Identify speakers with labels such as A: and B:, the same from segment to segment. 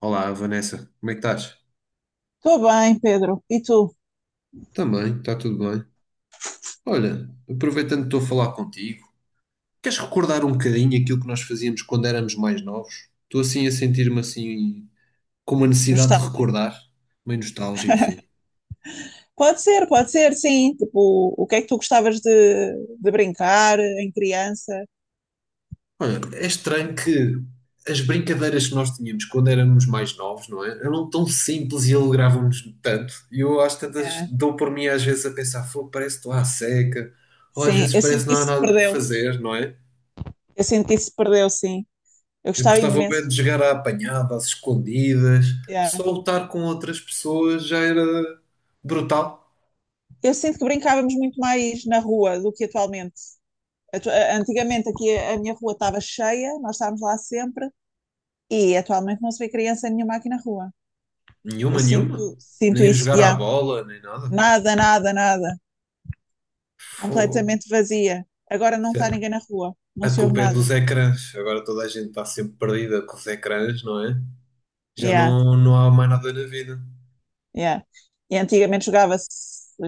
A: Olá, Vanessa, como é que estás?
B: Estou bem, Pedro. E tu?
A: Também, está tudo bem. Olha, aproveitando que estou a falar contigo, queres recordar um bocadinho aquilo que nós fazíamos quando éramos mais novos? Estou assim a sentir-me assim com uma necessidade de
B: Nostálgico.
A: recordar, meio nostálgico, sim.
B: Pode ser, sim. Tipo, o que é que tu gostavas de brincar em criança?
A: Olha, é estranho que as brincadeiras que nós tínhamos quando éramos mais novos, não é? Eram tão simples e alegravam-nos tanto. E eu às tantas
B: Yeah.
A: dou por mim às vezes a pensar, fogo, parece que estou à seca, ou às
B: Sim,
A: vezes
B: eu
A: parece
B: sinto
A: que
B: que
A: não há
B: isso se
A: nada por
B: perdeu.
A: fazer, não é?
B: Eu sinto que isso se perdeu, sim. Eu
A: Eu
B: gostava
A: gostava bem
B: imenso.
A: de jogar à apanhada, às escondidas.
B: Yeah.
A: Só lutar com outras pessoas já era brutal.
B: Eu sinto que brincávamos muito mais na rua do que atualmente. Antigamente aqui a minha rua estava cheia, nós estávamos lá sempre, e atualmente não se vê criança nenhuma aqui na rua. Eu
A: Nenhuma, nenhuma.
B: sinto, sinto
A: Nem a
B: isso.
A: jogar à
B: Yeah.
A: bola, nem nada.
B: Nada, nada, nada.
A: Fogo.
B: Completamente vazia. Agora não
A: Isso
B: está
A: é-
B: ninguém na rua, não
A: A
B: se ouve
A: culpa é
B: nada.
A: dos ecrãs. Agora toda a gente está sempre perdida com os ecrãs, não é? Já
B: Yeah,
A: não, não há mais nada na vida.
B: yeah. E antigamente jogava-se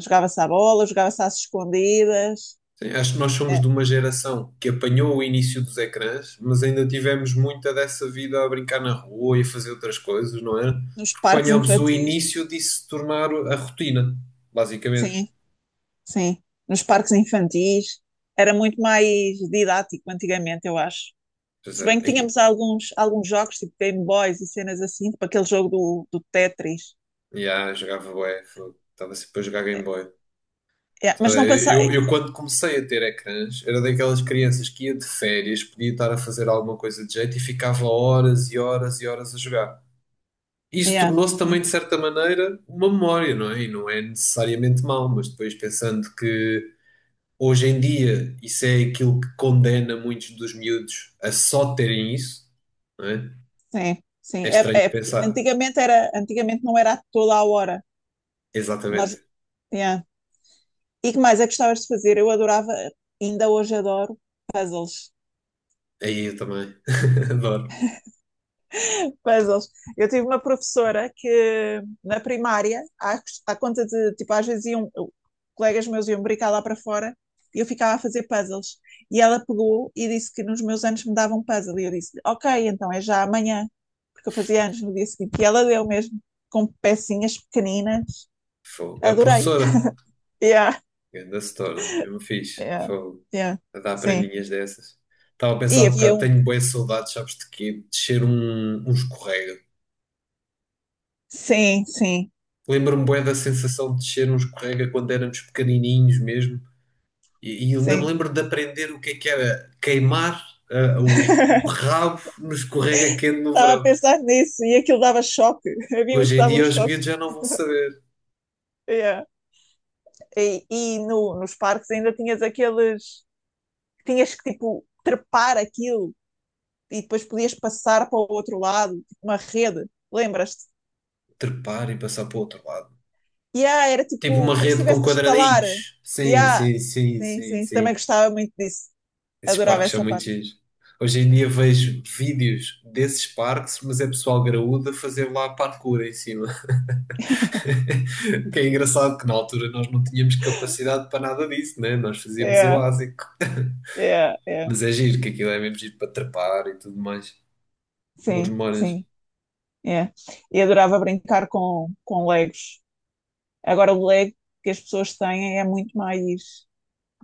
B: jogava-se à bola, jogava-se às escondidas,
A: Sim, acho que nós somos
B: é,
A: de uma geração que apanhou o início dos ecrãs, mas ainda tivemos muita dessa vida a brincar na rua e a fazer outras coisas, não é?
B: nos
A: Porque
B: parques
A: apanhámos o
B: infantis.
A: início de se tornar a rotina, basicamente.
B: Sim, sim, nos parques infantis. Era muito mais didático antigamente, eu acho.
A: Pois
B: Se
A: é,
B: bem que
A: aí,
B: tínhamos alguns jogos, tipo Game Boys e cenas assim, tipo aquele jogo do Tetris.
A: já jogava bué, fogo, estava sempre a jogar Game
B: É,
A: Boy.
B: é, mas não
A: Sabe, Eu,
B: passei.
A: eu quando comecei a ter ecrãs, era daquelas crianças que ia de férias, podia estar a fazer alguma coisa de jeito e ficava horas e horas e horas a jogar. Isso
B: Yeah,
A: tornou-se também,
B: sim,
A: de certa maneira, uma memória, não é? E não é necessariamente mau, mas depois pensando que hoje em dia isso é aquilo que condena muitos dos miúdos a só terem isso, não é?
B: sim,
A: É
B: sim. É,
A: estranho
B: é
A: de
B: porque
A: pensar.
B: antigamente, era, antigamente não era a toda a hora. Nós,
A: Exatamente.
B: yeah. E que mais é que gostavas de fazer? Eu adorava, ainda hoje adoro, puzzles.
A: Aí eu também. Adoro.
B: Puzzles. Eu tive uma professora que na primária, à conta de, tipo, às vezes iam, colegas meus iam brincar lá para fora e eu ficava a fazer puzzles. E ela pegou e disse que nos meus anos me davam um puzzle. E eu disse, ok, então é já amanhã, porque eu fazia anos no dia seguinte. E ela deu mesmo, com pecinhas pequeninas.
A: Fogo. A
B: Adorei.
A: professora,
B: Yeah,
A: grande setora, mesmo fixe.
B: yeah,
A: Fogo.
B: yeah.
A: A dar
B: Sim.
A: prendinhas dessas. Estava a pensar
B: E
A: um
B: havia
A: bocado,
B: um.
A: tenho boas saudades, sabes de quê? De ser um escorrega.
B: Sim, sim.
A: Lembro-me bem da sensação de descer um escorrega quando éramos pequenininhos mesmo. E ainda me
B: Sim.
A: lembro de aprender o que é que era queimar o rabo no escorrega quente no
B: Estava a
A: verão.
B: pensar nisso e aquilo dava choque. Havia uns
A: Hoje
B: que
A: em
B: davam
A: dia
B: uns
A: os
B: toques.
A: miúdos já não vão saber
B: Yeah. Nos parques ainda tinhas aqueles. Tinhas que, tipo, trepar aquilo e depois podias passar para o outro lado, tipo uma rede. Lembras-te?
A: trepar e passar para o outro lado.
B: Yeah, era
A: Tipo uma
B: tipo como se
A: rede com
B: estivesse a escalar.
A: quadradinhos. Sim,
B: Yeah.
A: sim, sim,
B: Sim,
A: sim,
B: sim. Também
A: sim.
B: gostava muito disso.
A: Esses
B: Adorava
A: parques são
B: essa
A: muito
B: parte.
A: giros. Hoje em dia vejo vídeos desses parques, mas é pessoal graúdo a fazer lá parkour em cima. Que é engraçado que na altura nós não tínhamos capacidade para nada disso, né? Nós fazíamos o
B: Yeah,
A: básico.
B: yeah, yeah.
A: Mas é giro, que aquilo é mesmo giro para trepar e tudo mais. Boas
B: Sim,
A: memórias.
B: sim. Yeah. E adorava brincar com Legos. Agora, o Lego que as pessoas têm é muito mais.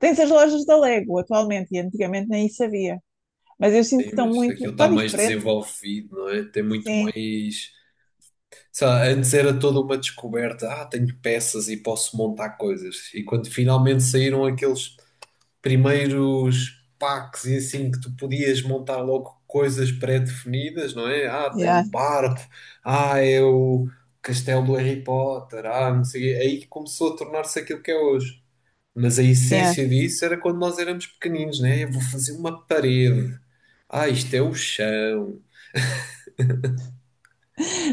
B: Tens as lojas da Lego atualmente e antigamente nem isso havia. Mas eu sinto que
A: Sim,
B: estão
A: mas
B: muito.
A: aquilo está
B: Está
A: mais
B: diferente.
A: desenvolvido, não é? Tem muito
B: Sim.
A: mais. Sei lá, antes era toda uma descoberta. Ah, tenho peças e posso montar coisas. E quando finalmente saíram aqueles primeiros packs e assim que tu podias montar logo coisas pré-definidas, não é? Ah, é um
B: Yeah,
A: barco, ah, é o castelo do Harry Potter, ah, não sei, o quê. Aí começou a tornar-se aquilo que é hoje. Mas a
B: yeah.
A: essência disso era quando nós éramos pequeninos, né? Eu vou fazer uma parede. Ah, isto é o chão.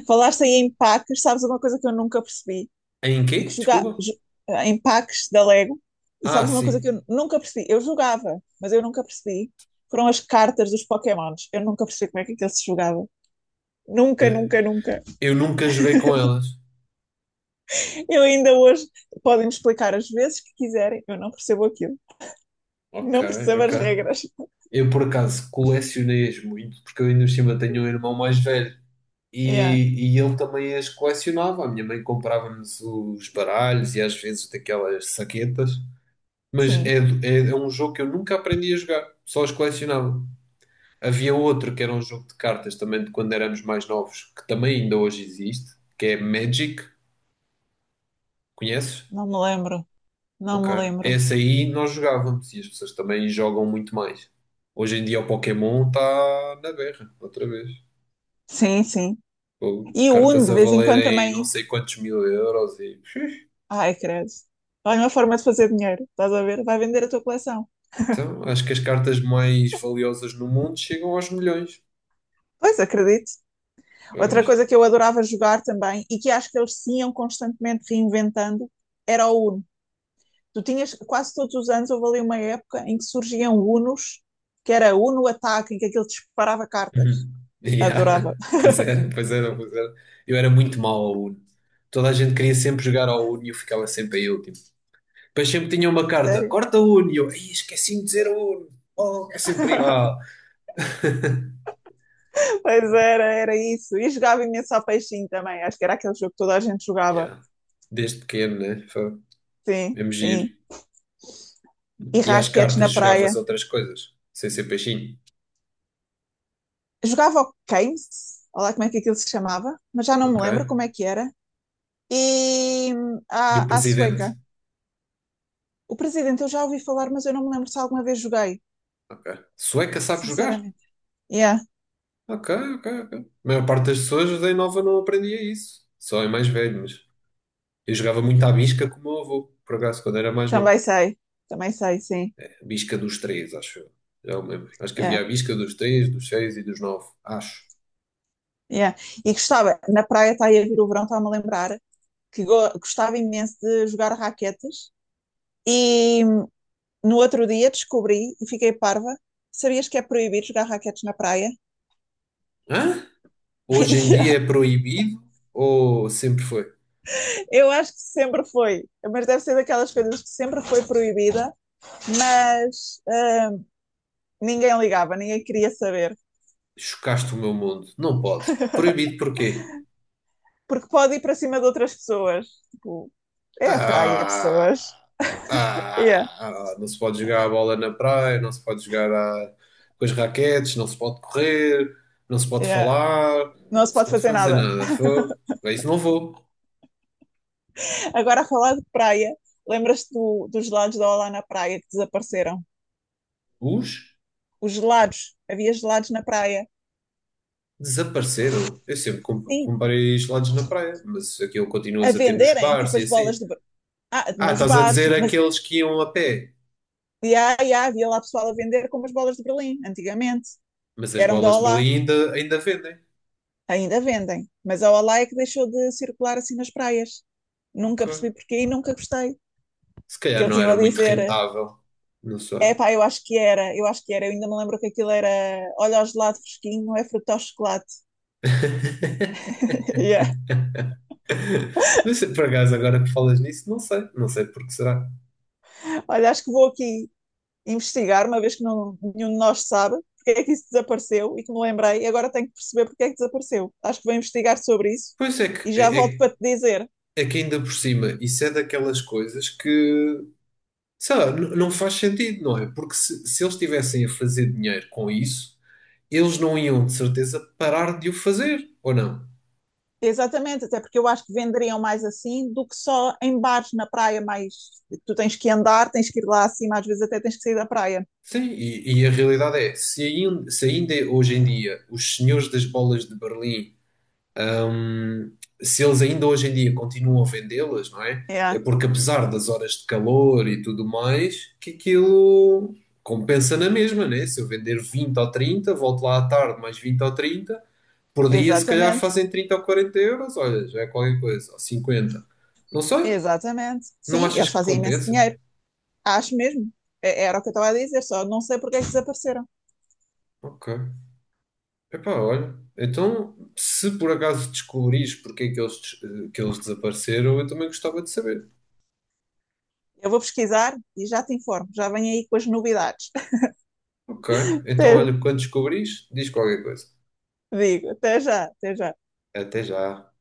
B: Falaste aí em packs, sabes uma coisa que eu nunca percebi?
A: Em
B: E que
A: quê?
B: jogar
A: Desculpa?
B: jo- eh, Em packs da Lego, e
A: Ah,
B: sabes uma coisa que
A: sim.
B: eu nunca percebi? Eu jogava, mas eu nunca percebi. Foram as cartas dos Pokémons. Eu nunca percebi como é que aquilo se jogava. Nunca, nunca, nunca.
A: Eu nunca joguei com elas.
B: Eu ainda hoje podem me explicar as vezes que quiserem, eu não percebo aquilo.
A: Ok,
B: Não percebo as
A: ok.
B: regras.
A: Eu por acaso colecionei-as muito, porque eu ainda por cima tenho um irmão mais velho.
B: Yeah,
A: E ele também as colecionava. A minha mãe comprava-nos os baralhos e às vezes daquelas saquetas. Mas
B: sim,
A: é um jogo que eu nunca aprendi a jogar, só os colecionava. Havia outro que era um jogo de cartas também de quando éramos mais novos, que também ainda hoje existe, que é Magic. Conheces?
B: não me lembro. Não
A: Ok.
B: me lembro.
A: Esse aí nós jogávamos e as pessoas também jogam muito mais. Hoje em dia o Pokémon está na berra, outra vez.
B: Sim, sim.
A: Pô,
B: E o Uno,
A: cartas
B: de
A: a
B: vez em quando,
A: valerem não
B: também.
A: sei quantos mil euros e.
B: Ai, credo. Olha, uma forma de fazer dinheiro, estás a ver? Vai vender a tua coleção.
A: Então, acho que as cartas mais valiosas no mundo chegam aos milhões.
B: Pois, acredito. Outra
A: Pois.
B: coisa que eu adorava jogar também e que acho que eles se iam constantemente reinventando era o Uno. Tu tinhas quase todos os anos, houve ali uma época em que surgiam Unos, que era Uno Ataque, em que aquilo disparava cartas.
A: Uhum.
B: Adorava.
A: Yeah. Pois era, pois era, pois era. Eu era muito mau ao Uno. Toda a gente queria sempre jogar ao Uno e eu ficava sempre em último. Depois sempre tinha uma carta,
B: Sério.
A: corta o Uno. E eu, "Ih, esqueci-me de dizer o Uno. Oh, é sempre igual.
B: Pois era, era isso. E jogava imenso ao peixinho também. Acho que era aquele jogo que toda a gente jogava.
A: Yeah. Desde pequeno, né? Foi
B: Sim,
A: mesmo giro.
B: sim. E
A: E às
B: raquetes na
A: cartas jogavas
B: praia.
A: outras coisas, sem ser peixinho.
B: Jogava ao Games, olha lá como é que aquilo se chamava, mas já não me
A: Ok.
B: lembro como é que era. E
A: E o
B: à
A: presidente.
B: sueca. O presidente eu já ouvi falar, mas eu não me lembro se alguma vez joguei,
A: Ok. Sueca sabe jogar?
B: sinceramente. Yeah,
A: Ok, ok, ok. A maior parte das pessoas da nova não aprendia isso. Só é mais velho, mas eu jogava muito à bisca com o meu avô, por acaso, quando era mais novo.
B: também sei. Também sei, sim.
A: A bisca dos três, acho eu. Já me lembro. Acho que havia
B: Yeah,
A: a bisca dos três, dos seis e dos nove, acho.
B: yeah. E gostava, na praia está aí a vir o verão, está-me a lembrar, que gostava imenso de jogar raquetes. E hum, no outro dia descobri e fiquei parva. Sabias que é proibido jogar raquetes na praia?
A: Hã? Hoje em
B: Yeah.
A: dia é proibido ou sempre foi?
B: Eu acho que sempre foi, mas deve ser daquelas coisas que sempre foi proibida, mas ninguém ligava, ninguém queria saber,
A: Chocaste o meu mundo. Não pode. Proibido porquê?
B: porque pode ir para cima de outras pessoas. Tipo, é a praia,
A: Ah!
B: pessoas. Yeah,
A: Ah, ah, não se pode jogar a bola na praia, não se pode jogar com as raquetes, não se pode correr, não se pode
B: yeah.
A: falar, não
B: Não se
A: se
B: pode
A: pode
B: fazer
A: fazer
B: nada.
A: nada. Fogo. Para isso não vou.
B: Agora, a falar de praia, lembras-te dos gelados da Olá na praia que desapareceram?
A: Os
B: Os gelados, havia gelados na praia.
A: desapareceram. Eu sempre
B: Sim,
A: comprei gelados na praia, mas aquilo
B: a
A: continuas a ter nos
B: venderem,
A: bares
B: tipo
A: e
B: as bolas
A: assim.
B: de, ah,
A: Ah,
B: nos
A: estás a
B: bares,
A: dizer
B: mas
A: aqueles que iam a pé,
B: havia lá pessoal a vender como as bolas de Berlim, antigamente.
A: mas as
B: Eram da
A: bolas de
B: Olá,
A: Berlim ainda vendem.
B: ainda vendem. Mas a Olá é que deixou de circular assim nas praias. Nunca
A: Ok.
B: percebi porquê e nunca gostei.
A: Se
B: Que
A: calhar
B: eles
A: não
B: iam
A: era
B: a
A: muito
B: dizer,
A: rentável. Não sei.
B: é pá, eu acho que era, eu acho que era. Eu ainda me lembro que aquilo era, olha o gelado fresquinho, não é fruto ao chocolate. Yeah.
A: Mas por acaso, agora que falas nisso, não sei, não sei porque será.
B: Olha, acho que vou aqui investigar, uma vez que não, nenhum de nós sabe. Porque é que isso desapareceu e que me lembrei, e agora tenho que perceber porque é que desapareceu. Acho que vou investigar sobre isso
A: Pois é
B: e
A: que,
B: já
A: é,
B: volto
A: é
B: para te dizer.
A: é que ainda por cima, isso é daquelas coisas que, sei lá, não faz sentido, não é? Porque se eles estivessem a fazer dinheiro com isso, eles não iam de certeza parar de o fazer, ou não?
B: Exatamente, até porque eu acho que venderiam mais assim do que só em bares na praia, mais tu tens que andar, tens que ir lá acima, às vezes até tens que sair da praia.
A: Sim, e a realidade é, se ainda hoje em dia os senhores das bolas de Berlim se eles ainda hoje em dia continuam a vendê-las, não é? É
B: É,
A: porque apesar das horas de calor e tudo mais, que aquilo compensa na mesma, né? Se eu vender 20 ou 30, volto lá à tarde mais 20 ou 30, por dia se calhar
B: exatamente,
A: fazem 30 ou 40 euros, olha, já é qualquer coisa, ou 50. Não sei,
B: exatamente.
A: não
B: Sim,
A: achas
B: eles
A: que
B: fazem imenso
A: compensa?
B: dinheiro, acho mesmo. É- Era o que eu estava a dizer, só não sei porque é que desapareceram.
A: Ok. Epá, olha, então se por acaso descobrires porque é que que eles desapareceram, eu também gostava de saber.
B: Eu vou pesquisar e já te informo, já venho aí com as novidades.
A: Ok. Então,
B: Até,
A: olha, quando descobrires, diz qualquer coisa.
B: Digo, até já, até já.
A: Até já.